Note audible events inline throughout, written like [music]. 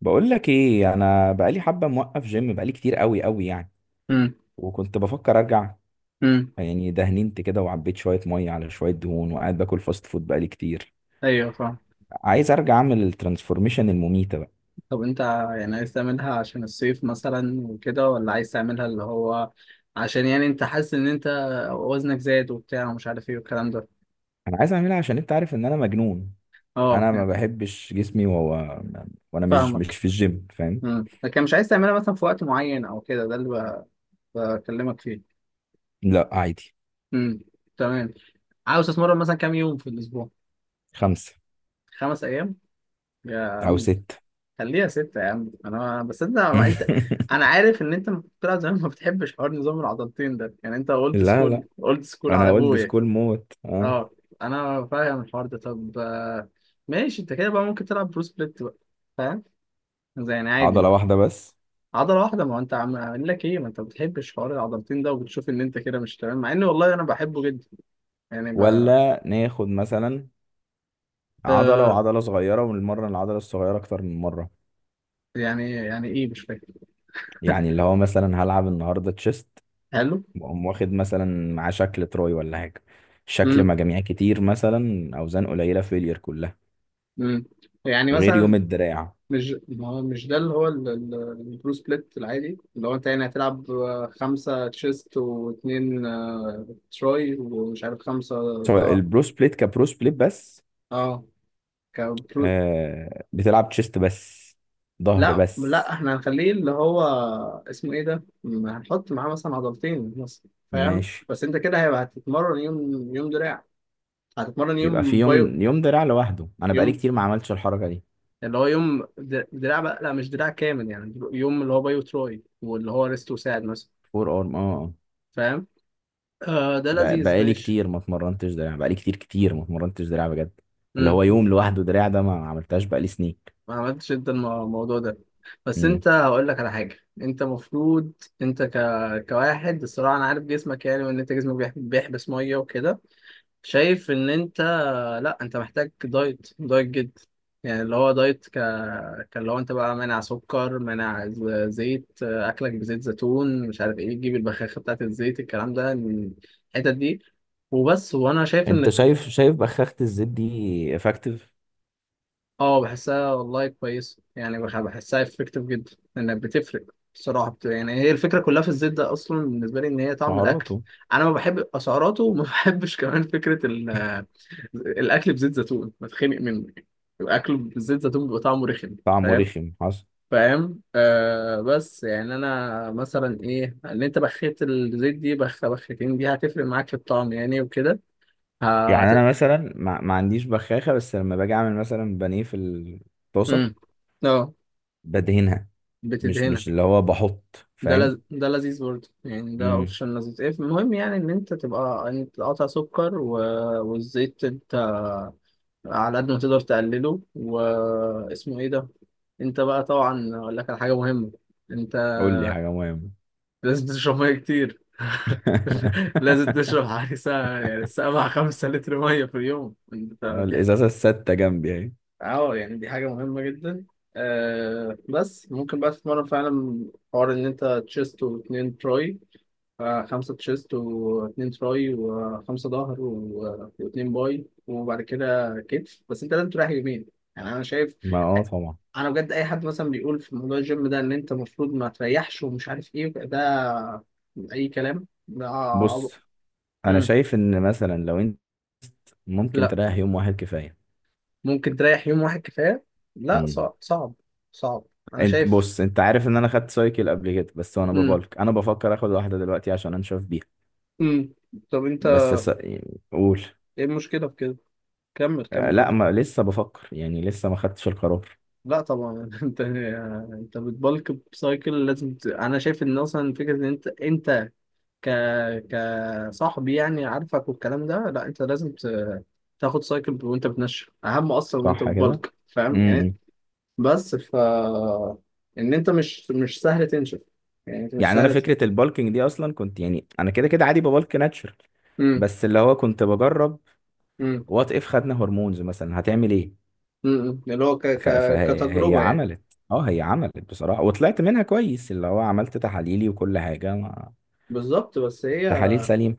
بقول لك ايه، انا بقالي حبه موقف جيم بقالي كتير قوي قوي يعني. امم. وكنت بفكر ارجع. امم. يعني دهننت كده وعبيت شويه ميه على شويه دهون وقاعد باكل فاست فود بقالي كتير. ايوه، فاهم. عايز ارجع اعمل الترانسفورميشن المميته بقى. طب انت يعني عايز تعملها عشان الصيف مثلا وكده، ولا عايز تعملها اللي هو عشان يعني انت حاسس ان انت وزنك زاد وبتاع ومش عارف ايه والكلام ده. انا عايز اعملها عشان انت عارف ان انا مجنون. اه، انا ما يعني بحبش جسمي وهو. وانا مش فاهمك. في الجيم، فاهم. لكن مش عايز تعملها مثلا في وقت معين او كده، ده اللي بكلمك فيه. لا عادي. امم. تمام. عاوز تتمرن مثلا كام يوم في الاسبوع؟ 5 5 ايام يا او عم. 6. خليها 6 يا عم، انا بصدق. ما انت انا [laughs] عارف ان انت لما كنت طلع زمان ما بتحبش حوار نظام العضلتين ده، يعني انت اولد لا لا، سكول، اولد سكول انا على اولد ابويا. سكول موت، اه. اه، انا فاهم الحوار ده. طب ماشي، انت كده بقى ممكن تلعب برو سبليت بقى، فاهم؟ زي يعني عادي عضله بقى. واحده بس. عضلة واحدة، ما هو انت عم اقول لك ايه، ما انت ما بتحبش حوار العضلتين ده، وبتشوف ان انت كده مش تمام، مع ان والله انا بحبه جدا يعني بقى. ولا ناخد مثلا عضلة آه وعضلة صغيرة ونمرن العضلة الصغيرة أكتر من مرة. يعني ايه، مش فاكر. يعني اللي هو مثلا هلعب النهاردة تشيست. حلو. وأقوم واخد مثلا مع شكل تروي ولا حاجة. شكل امم. مجاميع كتير مثلا، أوزان قليلة فيلير كلها. امم. يعني غير يوم مثلا، الدراع. مش ما هو مش ده اللي هو البرو سبليت العادي، اللي هو انت يعني هتلعب خمسة تشيست واتنين تراي، ومش عارف خمسة. سواء اه. البرو سبليت، كبرو سبليت بس. اه كبرو. آه، بتلعب تشيست بس. ظهر لا، بس. لا، احنا هنخليه اللي هو، اسمه ايه ده، هنحط معاه مثلا عضلتين مثلا، فاهم؟ ماشي، بس انت كده هيبقى هتتمرن يوم دراع. هتتمرن يبقى في يوم بايو، يوم يوم دراع لوحده. أنا بقالي يوم كتير ما عملتش الحركة دي. اللي هو يوم دراع بقى، لا مش دراع كامل، يعني يوم اللي هو بايو تراي، واللي هو ريست وساعد مثلا. فور أرم، اه، آه. فاهم. آه، ده لذيذ، بقالي ماشي. كتير ما اتمرنتش دراع، بقالي كتير كتير ما اتمرنتش دراع بجد. اللي امم هو يوم لوحده دراع ده ما عملتهاش بقالي سنين. ما عملتش انت الموضوع ده. بس امم انت هقول لك على حاجه، انت المفروض انت كواحد، الصراحه انا عارف جسمك يعني، وان انت جسمك بيحبس ميه وكده. شايف ان انت، لا، انت محتاج دايت، دايت جدا. يعني اللي هو دايت كاللي هو انت بقى مانع سكر، مانع زيت، اكلك بزيت زيتون، مش عارف ايه، تجيب البخاخه بتاعت الزيت، الكلام ده، الحتت دي. وبس، وانا شايف انت ان، شايف بخاخة الزيت دي افكتيف؟ اه، بحسها والله كويسة، يعني بحسها افكتيف جدا، لانها بتفرق. بصراحة يعني هي الفكرة كلها في الزيت ده اصلا بالنسبة لي، ان هي طعم الاكل. سعراته؟ انا ما بحب اسعاراته، وما [laughs] بحبش كمان فكرة الاكل بزيت زيتون، بتخنق منه يعني. الاكل بزيت زيتون بيبقى طعمه رخم. طعمه فاهم. رخم حصل. فاهم. بس يعني انا مثلا ايه، ان انت بخيت الزيت دي بخ بخيتين دي هتفرق معاك في الطعم يعني وكده. يعني انا هت مثلا ما عنديش بخاخة، بس لما باجي اعمل مثلا بانيه في الطاسة. امم. اه، بدهنها. مش بتدهنها. مش اللي هو بحط، فاهم. ده لذيذ برضه يعني، ده امم اوبشن لذيذ. إيه، المهم يعني ان انت تبقى انت تقطع سكر والزيت انت على قد ما تقدر تقلله، واسمه ايه ده. انت بقى طبعا اقول لك على حاجه مهمه، انت قول لي حاجة مهمة. لازم تشرب ميه كتير. [laughs] لازم [laughs] تشرب حوالي ساعة، يعني سبعة، 5 لتر مية في اليوم، انت دي حاجة. الازازة الستة جنبي اهي. اه، يعني دي حاجة مهمة جدا. آه، بس ممكن بقى تتمرن فعلا، حوار ان انت تشيست واتنين تراي، خمسة تشيست واتنين تراي، وخمسة ظهر، واتنين باي، وبعد كده كتف، بس انت لازم تريح يومين. يعني انا شايف، ما، اه، طبعا. انا بجد اي حد مثلا بيقول في موضوع الجيم ده ان انت المفروض ما تريحش ومش عارف ايه، ده اي كلام، ده بص، عبط. انا مم. شايف ان مثلا لو انت ممكن لا، تريح يوم واحد كفاية. ممكن تريح يوم واحد كفاية، لا، مم. صعب، صعب، صعب. انا انت، شايف. بص، انت عارف ان انا خدت سايكل قبل كده بس، وانا مم. ببالك انا بفكر اخد واحدة دلوقتي عشان انشف بيها. مم. طب انت، بس س... قول. ايه المشكلة في كده؟ كمل، آه، كمل، لا، قول. ما لسه بفكر، يعني لسه ما خدتش القرار. لا طبعا. [laughs] انت بتبلك بسايكل، لازم انا شايف ان اصلا فكره ان انت، انت ك كصاحب يعني عارفك، والكلام ده، لا، انت لازم تاخد سايكل وانت بتنشف، اهم اصلا وانت صح كده. بتبلك، فاهم يعني. امم بس ف ان انت مش سهل تنشف، يعني انت مش يعني انا سهل فكرة البالكينج دي اصلا كنت، يعني انا كده كده عادي ببالك ناتشرال. امم. بس اللي هو كنت بجرب. امم. وات اف خدنا هرمونز مثلا هتعمل ايه؟ امم. اللي هو فهي كتجربه يعني. عملت. اه، هي عملت بصراحة وطلعت منها كويس، اللي هو عملت تحاليلي وكل حاجة، ما... بالظبط، بس هي تحاليل سليمة.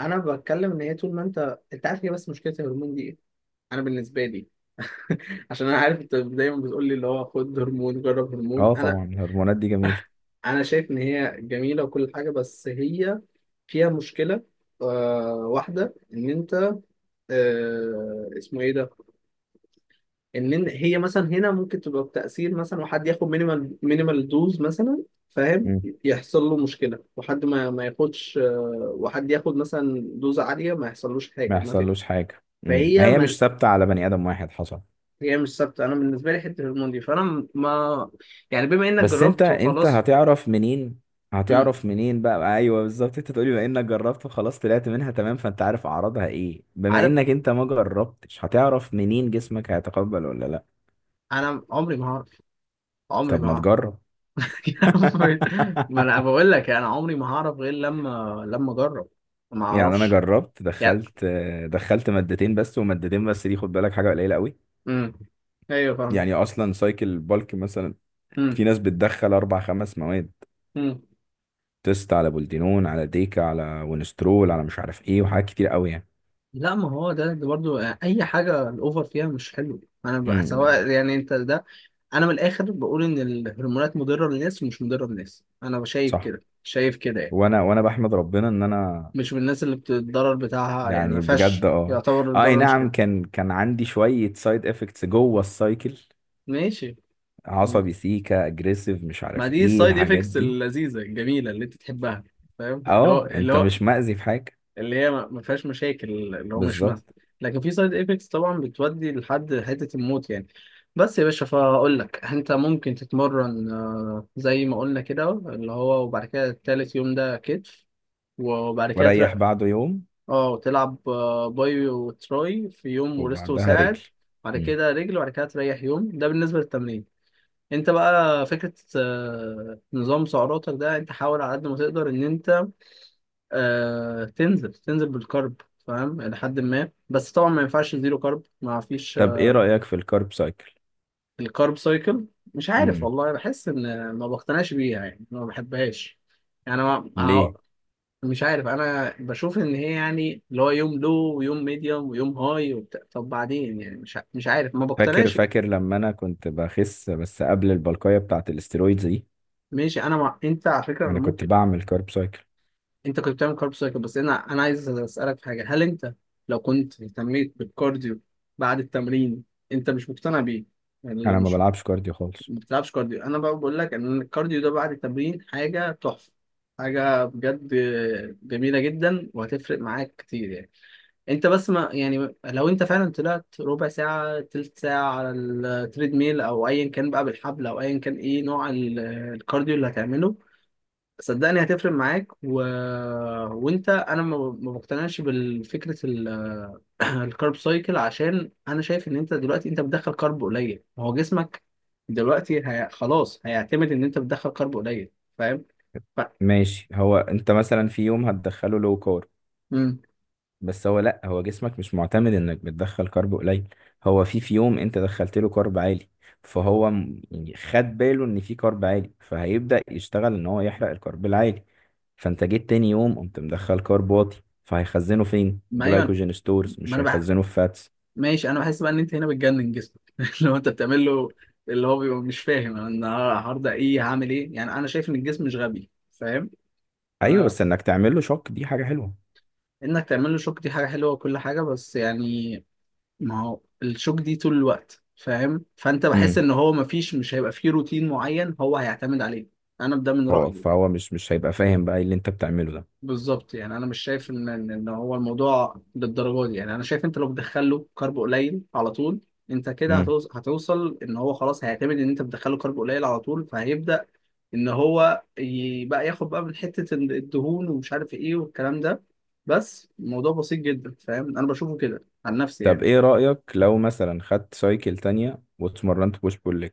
انا بتكلم ان هي طول ما انت، انت عارف، هي بس مشكله الهرمون دي ايه، انا بالنسبه لي، عشان انا عارف انت دايما بتقول لي اللي هو خد هرمون، جرب هرمون، اه، انا، طبعا الهرمونات دي جميلة. انا شايف ان هي جميله وكل حاجه، بس هي فيها مشكله. واحده ان انت، اسمه ايه ده، ان هي مثلا هنا ممكن تبقى بتاثير، مثلا وحد ياخد مينيمال، مينيمال دوز مثلا، فاهم، مم. يحصل له مشكله، وحد ما ياخدش، وحد ياخد مثلا دوز عاليه ما يحصلوش حاجه، ما ما في، يحصلوش حاجة. مم. ما فهي هي ما مش ثابتة على بني آدم واحد، حصل. هي مش ثابته. انا بالنسبه لي حته الهرمون دي، فانا ما يعني بما انك بس انت جربت انت وخلاص. هتعرف منين؟ امم، هتعرف منين بقى؟ ايوه بالظبط، انت تقولي بما انك جربت وخلاص طلعت منها تمام، فانت عارف اعراضها ايه. بما عارف. انك انت ما جربتش، هتعرف منين جسمك هيتقبل ولا لا؟ انا عمري ما هعرف، عمري طب ما ما هعرف. تجرب. [laughs] يا عم، ما انا [laughs] بقول لك، انا عمري ما هعرف غير لما اجرب، ما يعني انا اعرفش جربت، يعني. دخلت مادتين بس، ومادتين بس دي خد بالك حاجة قليلة قوي. امم. ايوه فاهمك. يعني اصلا سايكل بالك مثلا، امم. في ناس بتدخل اربع خمس مواد. امم. تيست على بولدينون على ديكا على ونسترول على مش عارف ايه، وحاجات كتير قوي يعني. لا، ما هو ده برضو اي حاجه الاوفر فيها مش حلو. انا بقى امم سواء يعني انت ده، انا من الاخر بقول ان الهرمونات مضره للناس ومش مضره للناس، انا شايف صح. كده، شايف كده يعني. وانا بحمد ربنا ان انا، مش من الناس اللي بتتضرر بتاعها، يعني ما يعني بجد، فيهاش، اه. يعتبر آه، اي الضرر مش كده. نعم، كان عندي شوية سايد افكتس جوه السايكل. ماشي. عصبي، سيكا، اجريسيف، مش ما عارف دي ايه السايد الحاجات افكتس دي. اللذيذه الجميله اللي انت تحبها، فاهم، اللي اه، هو، انت مش مأذي في حاجة. اللي هي ما فيهاش مشاكل، اللي هو مش مثل. بالظبط. لكن في سايد افكتس طبعا بتودي لحد حته الموت يعني. بس يا باشا، فاقول لك انت ممكن تتمرن، زي ما قلنا كده، اللي هو، وبعد كده التالت يوم ده كتف، وبعد كده وريح بعده يوم. اه، وتلعب باي وتراي في يوم، وريست وبعدها رجل. وساعد، بعد امم كده رجل، وبعد كده تريح يوم، ده بالنسبه للتمرين. انت بقى فكرة نظام سعراتك ده، انت حاول على قد ما تقدر ان انت تنزل بالكرب، فاهم، لحد ما، بس طبعا ما ينفعش زيرو كرب، ما فيش. طب ايه رأيك في الكارب سايكل؟ الكارب سايكل، مش عارف امم والله، بحس ان ما بقتنعش بيها يعني، ما بحبهاش. يعني ما ه- ليه؟ مش عارف، انا بشوف ان هي، يعني اللي هو يوم لو، ويوم ميديوم، ويوم هاي وبتاع، طب بعدين يعني مش عارف، ما فاكر بقتنعش. فاكر لما انا كنت بخس بس قبل البلقايه بتاعت الاسترويدز دي. ماشي، انا انت على فكرة، أنا انا كنت ممكن، بعمل كارب سايكل. انت كنت بتعمل كارب سايكل، بس انا عايز اسالك في حاجه، هل انت لو كنت اهتميت بالكارديو بعد التمرين، انت مش مقتنع بيه؟ يعني لو انا ما مش، بلعبش كارديو خالص. ما بتلعبش كارديو، انا بقى بقول لك ان الكارديو ده بعد التمرين حاجه تحفه، حاجه بجد جميله جدا، وهتفرق معاك كتير يعني. انت بس ما يعني، لو انت فعلا طلعت ربع ساعه، تلت ساعه، على التريد ميل او ايا كان بقى، بالحبل او ايا كان ايه نوع الكارديو اللي هتعمله، صدقني هتفرق معاك وانت انا ما بقتنعش بالفكره [clears throat] الكارب سايكل، عشان انا شايف ان انت دلوقتي، انت بتدخل كارب قليل، ما هو جسمك دلوقتي خلاص هيعتمد ان انت بتدخل كارب قليل، فاهم. ف... ماشي، هو انت مثلا في يوم هتدخله لو كارب. مم. بس هو، لا، هو جسمك مش معتمد انك بتدخل كارب قليل. هو في يوم انت دخلت له كارب عالي. فهو يعني خد باله ان في كارب عالي، فهيبدأ يشتغل ان هو يحرق الكارب العالي. فانت جيت تاني يوم قمت مدخل كارب واطي، فهيخزنه فين؟ ما ايوه، جلايكوجين ستورز، ما مش انا هيخزنه في فاتس. ماشي، انا بحس بقى ان انت هنا بتجنن جسمك. [laughs] لو انت بتعمل له اللي هو، بيبقى مش فاهم انا النهارده ايه، هعمل ايه يعني، انا شايف ان الجسم مش غبي، فاهم؟ ايوه، انا، بس انك تعمل له شوك دي حاجه حلوه. انك تعمل له شوك دي حاجه حلوه وكل حاجه، بس يعني ما هو الشوك دي طول الوقت، فاهم؟ فانت بحس امم ان هو، مفيش، مش هيبقى فيه روتين معين هو هيعتمد عليه، انا ده من هو رأيي. فهو مش هيبقى فاهم بقى إيه اللي انت بتعمله ده. بالظبط، يعني انا مش شايف ان ان إن هو الموضوع للدرجه دي، يعني انا شايف انت لو بتدخله كارب قليل على طول، انت كده امم هتوصل ان هو خلاص هيعتمد ان انت بتدخله كارب قليل على طول، فهيبدأ ان هو بقى ياخد بقى من حتة الدهون، ومش عارف ايه والكلام ده، بس الموضوع بسيط جدا، فاهم، انا بشوفه كده عن نفسي طب يعني. ايه رايك لو مثلا خدت سايكل تانية واتمرنت بوش بول ليج،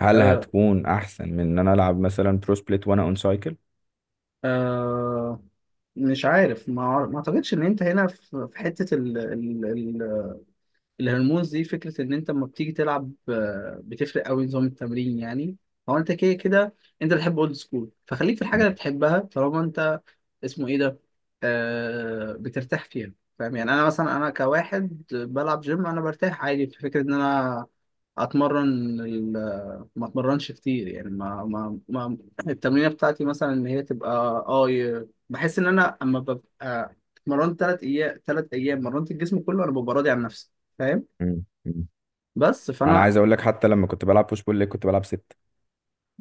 هل آه، هتكون احسن من ان انا العب مثلا برو سبليت وانا اون سايكل؟ آه مش عارف، ما اعتقدش ان انت هنا، في حتة الهرمونز دي، فكرة إن أنت لما بتيجي تلعب بتفرق أوي نظام التمرين يعني. هو أنت كده كده، أنت بتحب أولد سكول، فخليك في الحاجة اللي بتحبها، طالما أنت، اسمه إيه ده، بترتاح فيها، فاهم يعني؟ أنا مثلا، أنا كواحد بلعب جيم، أنا برتاح عادي في فكرة إن أنا أتمرن، ما أتمرنش كتير يعني، ما ما, ما التمرينة بتاعتي مثلا إن هي تبقى، بحس إن أنا أما ببقى اتمرنت 3 أيام، 3 أيام مرنت الجسم كله، أنا ببقى راضي عن نفسي، فاهم. مم. مم. بس انا فانا. عايز اقول لك، حتى لما كنت بلعب بوش بول ليج كنت بلعب 6.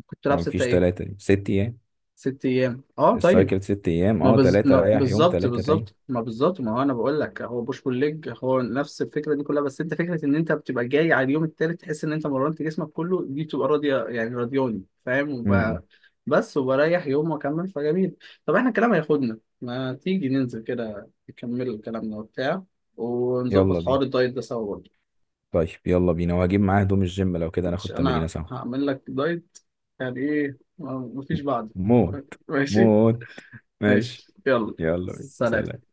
كنت لابس ما 6 فيش ايه؟ 3، دي 6 ايام. 6 ايام، اه طيب. السايكل 6 ايام، اه، 3 ما رايح يوم بالظبط، 3 تاني. بالظبط، ما بالظبط، ما هو انا بقول لك هو بوش بول ليج هو نفس الفكره دي كلها، بس انت فكره ان انت بتبقى جاي على اليوم التالت تحس ان انت مرنت جسمك كله دي بتبقى راضيه يعني، راضياني، فاهم، مم. بس وبريح يوم واكمل، فجميل. طب احنا الكلام هياخدنا، ما تيجي ننزل كده نكمل كلامنا وبتاع، يلا ونظبط بينا. حوار الدايت ده سوا برضه. طيب يلا بينا، وهجيب معاه هدوم الجيم لو كده مش ناخد تمرينه انا سوا. هعمل لك دايت، يعني ايه مفيش بعد. موت. ماشي. موت. ماشي. ماشي يلا، يلا بينا، سلام. سلام.